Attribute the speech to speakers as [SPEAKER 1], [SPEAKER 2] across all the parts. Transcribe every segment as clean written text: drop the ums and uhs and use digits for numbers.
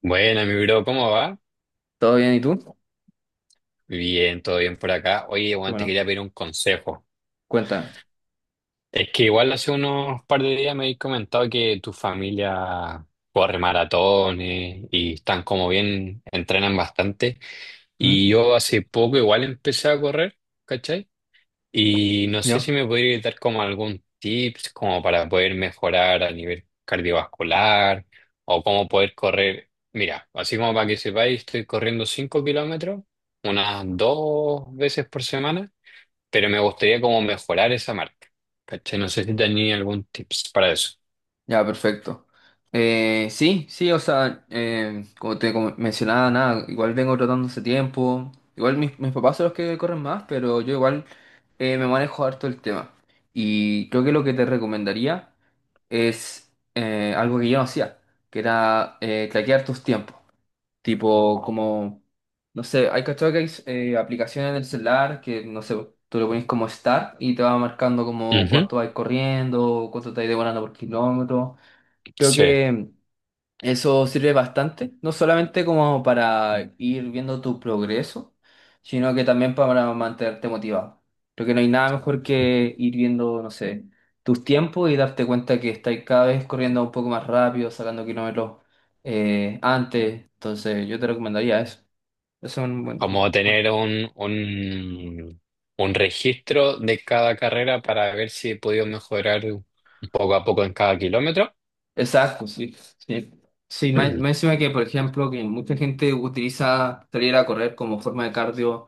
[SPEAKER 1] Bueno, mi bro, ¿cómo va?
[SPEAKER 2] ¿Todo bien? ¿Y tú?
[SPEAKER 1] Bien, todo bien por acá. Oye, Juan, te
[SPEAKER 2] Bueno,
[SPEAKER 1] quería pedir un consejo.
[SPEAKER 2] cuéntame.
[SPEAKER 1] Es que igual hace unos par de días me habéis comentado que tu familia corre maratones y están como bien, entrenan bastante.
[SPEAKER 2] ¿Mm?
[SPEAKER 1] Y yo hace poco igual empecé a correr, ¿cachai? Y no sé
[SPEAKER 2] ¿Yo?
[SPEAKER 1] si me podría dar como algún tips como para poder mejorar a nivel cardiovascular o cómo poder correr. Mira, así como para que sepáis, estoy corriendo 5 kilómetros unas dos veces por semana, pero me gustaría como mejorar esa marca. ¿Cachai? No sé si tenía algún tips para eso.
[SPEAKER 2] Ya, perfecto. Sí, sí, o sea, como te como mencionaba, nada, igual vengo tratando hace tiempo. Igual mis papás son los que corren más, pero yo igual me manejo harto el tema. Y creo que lo que te recomendaría es algo que yo no hacía, que era traquear tus tiempos. Tipo, como, no sé, hay cachado que hay aplicaciones en el celular que, no sé, tú le pones como start y te va marcando como
[SPEAKER 1] Ujú,
[SPEAKER 2] cuánto vas corriendo, cuánto te vas demorando por kilómetro. Creo
[SPEAKER 1] sí.
[SPEAKER 2] que eso sirve bastante, no solamente como para ir viendo tu progreso, sino que también para mantenerte motivado. Creo que no hay nada mejor que ir viendo, no sé, tus tiempos y darte cuenta que estás cada vez corriendo un poco más rápido, sacando kilómetros antes. Entonces, yo te recomendaría eso. Eso es un
[SPEAKER 1] Como
[SPEAKER 2] buen.
[SPEAKER 1] tener un registro de cada carrera para ver si he podido mejorar un poco a poco en cada kilómetro.
[SPEAKER 2] Exacto, sí, sí. Sí, más encima que, por ejemplo, que mucha gente utiliza salir a correr como forma de cardio,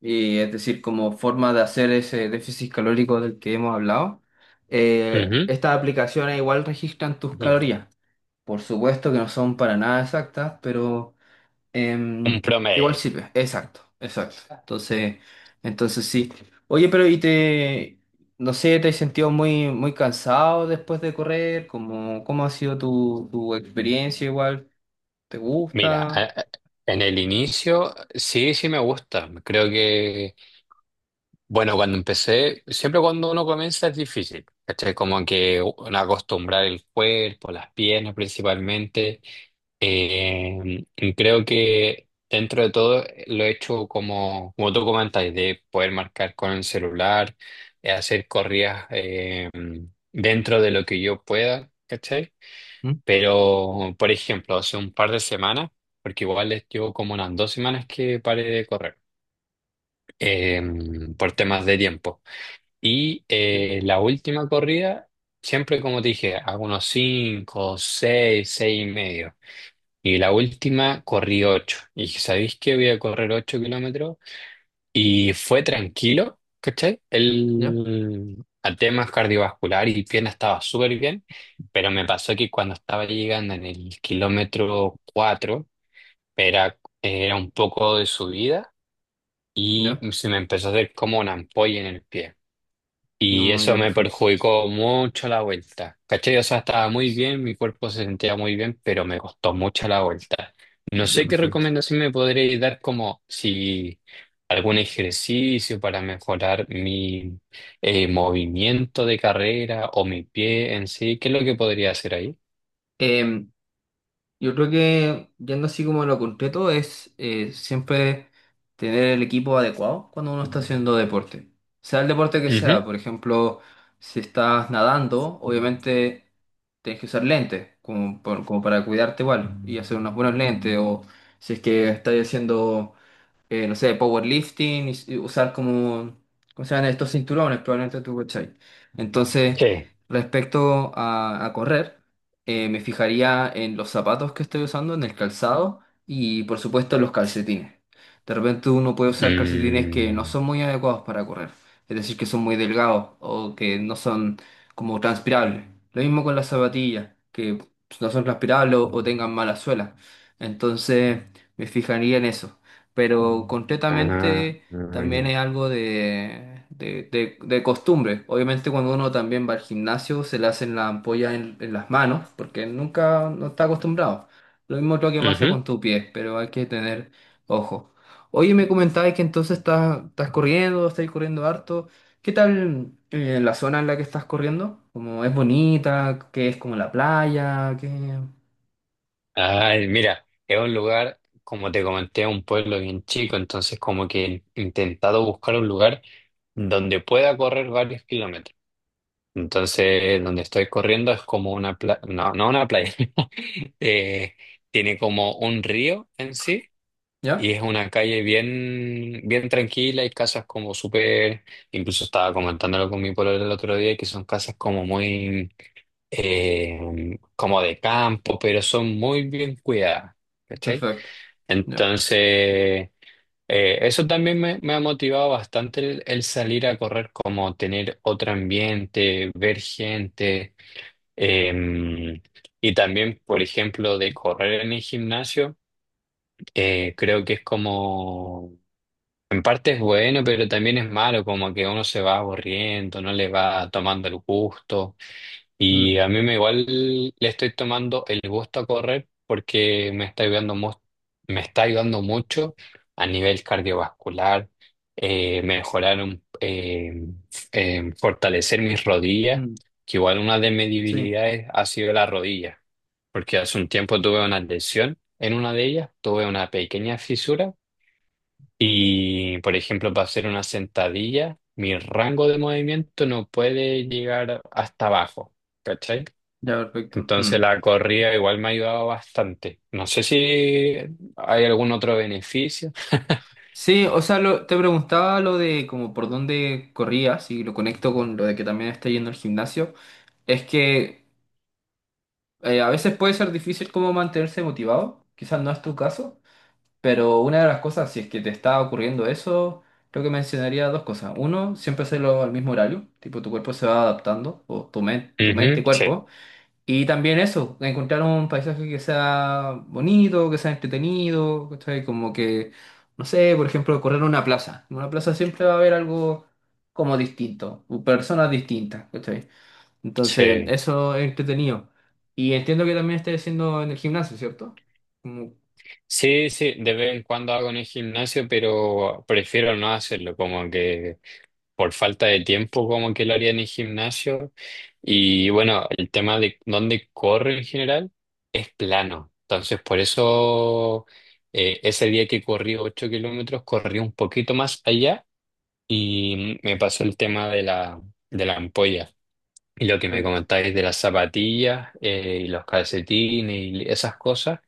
[SPEAKER 2] y es decir, como forma de hacer ese déficit calórico del que hemos hablado.
[SPEAKER 1] Ujú.
[SPEAKER 2] Estas aplicaciones igual registran tus calorías. Por supuesto que no son para nada exactas, pero
[SPEAKER 1] Un
[SPEAKER 2] Em, igual
[SPEAKER 1] promedio.
[SPEAKER 2] sirve, exacto, exacto. Entonces, entonces sí. Oye, pero ¿y te, no sé, te has sentido muy cansado después de correr? ¿Cómo, cómo ha sido tu experiencia igual? ¿Te
[SPEAKER 1] Mira,
[SPEAKER 2] gusta?
[SPEAKER 1] en el inicio sí, sí me gusta. Creo que, bueno, cuando empecé, siempre cuando uno comienza es difícil. ¿Cachai? Como que uno acostumbrar el cuerpo, las piernas principalmente. Y creo que dentro de todo lo he hecho como tú comentáis, de poder marcar con el celular, hacer corridas dentro de lo que yo pueda. ¿Cachai?
[SPEAKER 2] ¿Mm?
[SPEAKER 1] Pero, por ejemplo, hace un par de semanas, porque igual les llevo como unas 2 semanas que paré de correr, eh, por temas de tiempo. Y
[SPEAKER 2] Ya,
[SPEAKER 1] eh, la última corrida, siempre como te dije, hago unos cinco, seis, seis y medio. Y la última corrí ocho. Y dije, ¿sabéis qué? Voy a correr 8 kilómetros y fue tranquilo, ¿cachai?
[SPEAKER 2] ya,
[SPEAKER 1] El, a temas cardiovascular y pierna estaba súper bien, pero me pasó que cuando estaba llegando en el kilómetro 4 era un poco de subida y
[SPEAKER 2] ya.
[SPEAKER 1] se me empezó a hacer como una ampolla en el pie. Y
[SPEAKER 2] No,
[SPEAKER 1] eso
[SPEAKER 2] ya,
[SPEAKER 1] me
[SPEAKER 2] perfecto.
[SPEAKER 1] perjudicó mucho la vuelta. ¿Cachai? O sea, estaba muy bien, mi cuerpo se sentía muy bien, pero me costó mucho la vuelta. No
[SPEAKER 2] Ya,
[SPEAKER 1] sé qué
[SPEAKER 2] perfecto.
[SPEAKER 1] recomendación me podréis dar como si algún ejercicio para mejorar mi movimiento de carrera o mi pie en sí. ¿Qué es lo que podría hacer ahí?
[SPEAKER 2] Yo creo que, yendo así como a lo concreto, es siempre tener el equipo adecuado cuando uno está haciendo deporte. Sea el deporte que
[SPEAKER 1] Ujú.
[SPEAKER 2] sea, por ejemplo, si estás nadando, obviamente tienes que usar lentes, como, por- como para cuidarte igual, y hacer unos buenos lentes, o si es que estás haciendo no sé, powerlifting, y usar como, ¿cómo se llaman estos cinturones? Probablemente tú, ¿cachai? Entonces,
[SPEAKER 1] Sí.
[SPEAKER 2] respecto a correr, me fijaría en los zapatos que estoy usando, en el calzado y, por supuesto, en los calcetines. De repente uno puede usar calcetines que no
[SPEAKER 1] Mm,
[SPEAKER 2] son muy adecuados para correr, es decir, que son muy delgados o que no son como transpirables. Lo mismo con las zapatillas, que no son transpirables o tengan mala suela. Entonces, me fijaría en eso, pero
[SPEAKER 1] ah,
[SPEAKER 2] concretamente
[SPEAKER 1] ah,
[SPEAKER 2] también
[SPEAKER 1] no.
[SPEAKER 2] es algo de, de costumbre. Obviamente cuando uno también va al gimnasio se le hacen las ampollas en las manos porque nunca no está acostumbrado. Lo mismo creo que pasa con tu pie, pero hay que tener ojo. Oye, me comentabas que entonces estás, estás corriendo harto. ¿Qué tal la zona en la que estás corriendo? ¿Como es bonita? ¿Qué es como la playa? ¿Qué...
[SPEAKER 1] Ay, mira, es un lugar, como te comenté, un pueblo bien chico, entonces como que he intentado buscar un lugar donde pueda correr varios kilómetros. Entonces, donde estoy corriendo es como una playa, no, no una playa. Eh, Tiene como un río en sí y
[SPEAKER 2] ¿Ya?
[SPEAKER 1] es una calle bien, bien tranquila y casas como súper. Incluso estaba comentándolo con mi pueblo el otro día, que son casas como muy como de campo, pero son muy bien cuidadas, ¿cachai?
[SPEAKER 2] Perfecto. Ya.
[SPEAKER 1] Entonces, eso también me ha motivado bastante el salir a correr, como tener otro ambiente, ver gente, eh, y también, por ejemplo, de correr en el gimnasio, creo que es como... En parte es bueno, pero también es malo, como que uno se va aburriendo, no le va tomando el gusto. Y
[SPEAKER 2] Mm,
[SPEAKER 1] a mí me igual le estoy tomando el gusto a correr porque me está ayudando, me está ayudando mucho a nivel cardiovascular, eh, mejorar, un- eh, fortalecer mis rodillas,
[SPEAKER 2] mm,
[SPEAKER 1] que igual una de mis
[SPEAKER 2] sí.
[SPEAKER 1] debilidades ha sido la rodilla, porque hace un tiempo tuve una lesión en una de ellas, tuve una pequeña fisura y, por ejemplo, para hacer una sentadilla, mi rango de movimiento no puede llegar hasta abajo. ¿Cachai?
[SPEAKER 2] Ya, perfecto.
[SPEAKER 1] Entonces
[SPEAKER 2] Mm.
[SPEAKER 1] la corrida igual me ha ayudado bastante. No sé si hay algún otro beneficio.
[SPEAKER 2] Sí, o sea, lo- te preguntaba lo de como por dónde corrías y lo conecto con lo de que también está yendo al gimnasio. Es que a veces puede ser difícil como mantenerse motivado, quizás no es tu caso, pero una de las cosas, si es que te está ocurriendo eso, creo que mencionaría dos cosas. Uno, siempre hacerlo al mismo horario, tipo tu cuerpo se va adaptando, o tu, men- tu mente y
[SPEAKER 1] Ujú, sí,
[SPEAKER 2] cuerpo. Y también eso, encontrar un paisaje que sea bonito, que sea entretenido, ¿cachai? Como que, no sé, por ejemplo, correr en una plaza. En una plaza siempre va a haber algo como distinto, personas distintas, ¿cachai? Entonces,
[SPEAKER 1] sí.
[SPEAKER 2] eso es entretenido. Y entiendo que también estés haciendo en el gimnasio, ¿cierto? Mm.
[SPEAKER 1] Sí, sí, de vez en cuando hago en el gimnasio, pero prefiero no hacerlo, como que por falta de tiempo, como que lo haría en el gimnasio. Y bueno, el tema de dónde corre en general es plano. Entonces, por eso ese día que corrí 8 kilómetros, corrí un poquito más allá y me pasó el tema de de la ampolla. Y lo que me
[SPEAKER 2] Perfecto.
[SPEAKER 1] comentáis de las zapatillas y los calcetines y esas cosas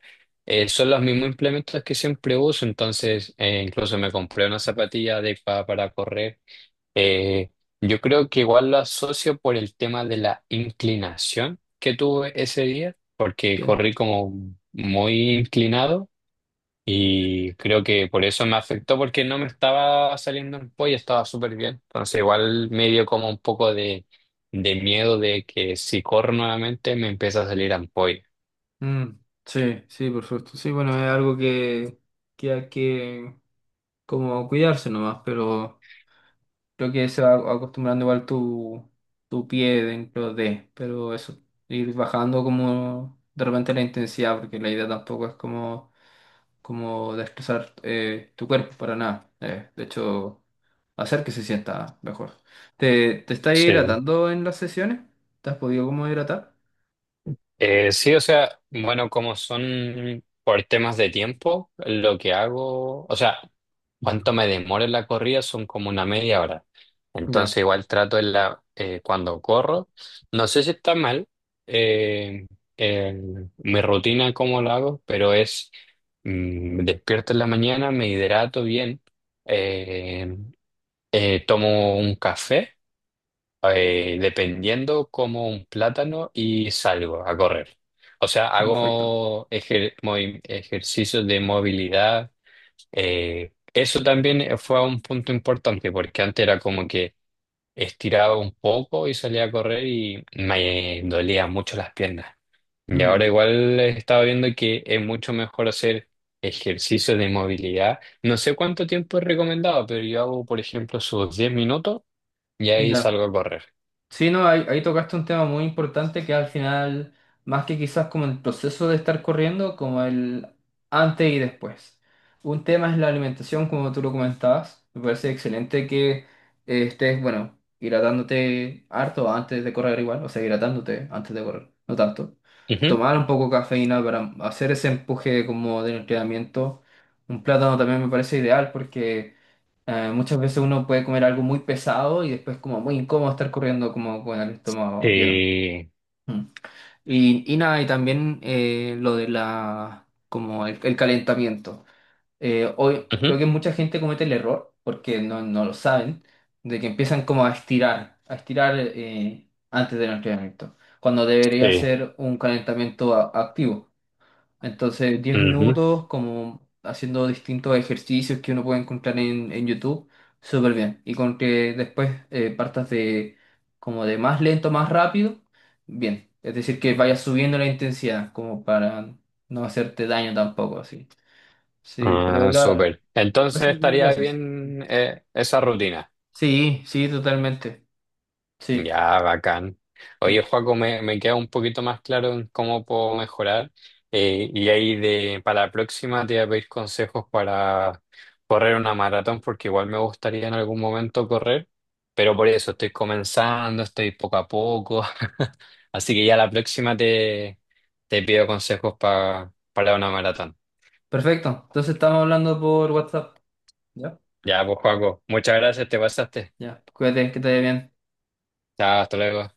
[SPEAKER 1] eh, son los mismos implementos que siempre uso. Entonces, incluso me compré una zapatilla adecuada para correr. Eh, yo creo que igual lo asocio por el tema de la inclinación que tuve ese día, porque
[SPEAKER 2] Bien.
[SPEAKER 1] corrí como muy inclinado. Y creo que por eso me afectó, porque no me estaba saliendo en pollo, estaba súper bien. Entonces igual me dio como un poco de miedo de que si corro nuevamente me empieza a salir ampolla.
[SPEAKER 2] Mm, sí, sí, por supuesto. Sí, bueno, es algo que hay que como cuidarse nomás, pero... Creo que se va acostumbrando igual tu, tu pie dentro de, pero eso, ir bajando como de repente la intensidad, porque la idea tampoco es como, como destrozar tu cuerpo para nada. De hecho, hacer que se sienta mejor. ¿Te, te estás
[SPEAKER 1] Sí.
[SPEAKER 2] hidratando en las sesiones? ¿Te has podido como hidratar?
[SPEAKER 1] Sí, o sea, bueno, como son por temas de tiempo, lo que hago, o sea, cuánto me demoro en la corrida son como una media hora. Entonces
[SPEAKER 2] Ya,
[SPEAKER 1] igual trato en cuando corro, no sé si está mal, eh, mi rutina, cómo lo hago, pero es, me despierto en la mañana, me hidrato bien, eh, tomo un café dependiendo como un plátano y salgo a correr. O sea,
[SPEAKER 2] ya, perfecto.
[SPEAKER 1] hago ejercicios de movilidad. Eso también fue un punto importante porque antes era como que estiraba un poco y salía a correr y me dolía mucho las piernas. Y
[SPEAKER 2] Mm,
[SPEAKER 1] ahora igual estaba viendo que es mucho mejor hacer ejercicios de movilidad. No sé cuánto tiempo es recomendado, pero yo hago, por ejemplo, sus 10 minutos y ahí
[SPEAKER 2] ya.
[SPEAKER 1] salgo a correr.
[SPEAKER 2] Sí, no, ahí, ahí tocaste un tema muy importante que al final, más que quizás como el proceso de estar corriendo, como el antes y después. Un tema es la alimentación, como tú lo comentabas. Me parece excelente que estés, bueno, hidratándote harto antes de correr igual, o sea, hidratándote antes de correr, no tanto. Tomar un poco de cafeína para hacer ese empuje como de entrenamiento. Un plátano también me parece ideal porque... muchas veces uno puede comer algo muy pesado y después como muy incómodo estar corriendo como con el estómago lleno.
[SPEAKER 1] Eh,
[SPEAKER 2] Mm. Y nada, y también lo de la, como el calentamiento. Hoy
[SPEAKER 1] Ujú.
[SPEAKER 2] creo que mucha gente comete el error, porque no, no lo saben, de que empiezan como a estirar antes del entrenamiento, cuando debería
[SPEAKER 1] Sí.
[SPEAKER 2] ser un calentamiento a- activo. Entonces, diez
[SPEAKER 1] Ujú.
[SPEAKER 2] minutos como haciendo distintos ejercicios que uno puede encontrar en YouTube, súper bien. Y con que después partas de como de más lento, más rápido, bien. Es decir, que vayas subiendo la intensidad, como para no hacerte daño tampoco, así. Sí, pero
[SPEAKER 1] Ah,
[SPEAKER 2] la, lo
[SPEAKER 1] súper. Entonces
[SPEAKER 2] haces bien lo que
[SPEAKER 1] estaría
[SPEAKER 2] haces.
[SPEAKER 1] bien, esa rutina.
[SPEAKER 2] Sí, sí, totalmente. Sí,
[SPEAKER 1] Ya, bacán.
[SPEAKER 2] sí.
[SPEAKER 1] Oye, Joaco, me queda un poquito más claro en cómo puedo mejorar. Y ahí para la próxima te voy a pedir consejos para correr una maratón, porque igual me gustaría en algún momento correr, pero por eso estoy comenzando, estoy poco a poco. Así que ya la próxima te pido consejos para una maratón.
[SPEAKER 2] Perfecto. Entonces estamos hablando por WhatsApp. ¿Ya?
[SPEAKER 1] Ya, pues Paco, muchas gracias, te pasaste.
[SPEAKER 2] Ya. Cuídate, que te vaya bien.
[SPEAKER 1] Chao, hasta luego.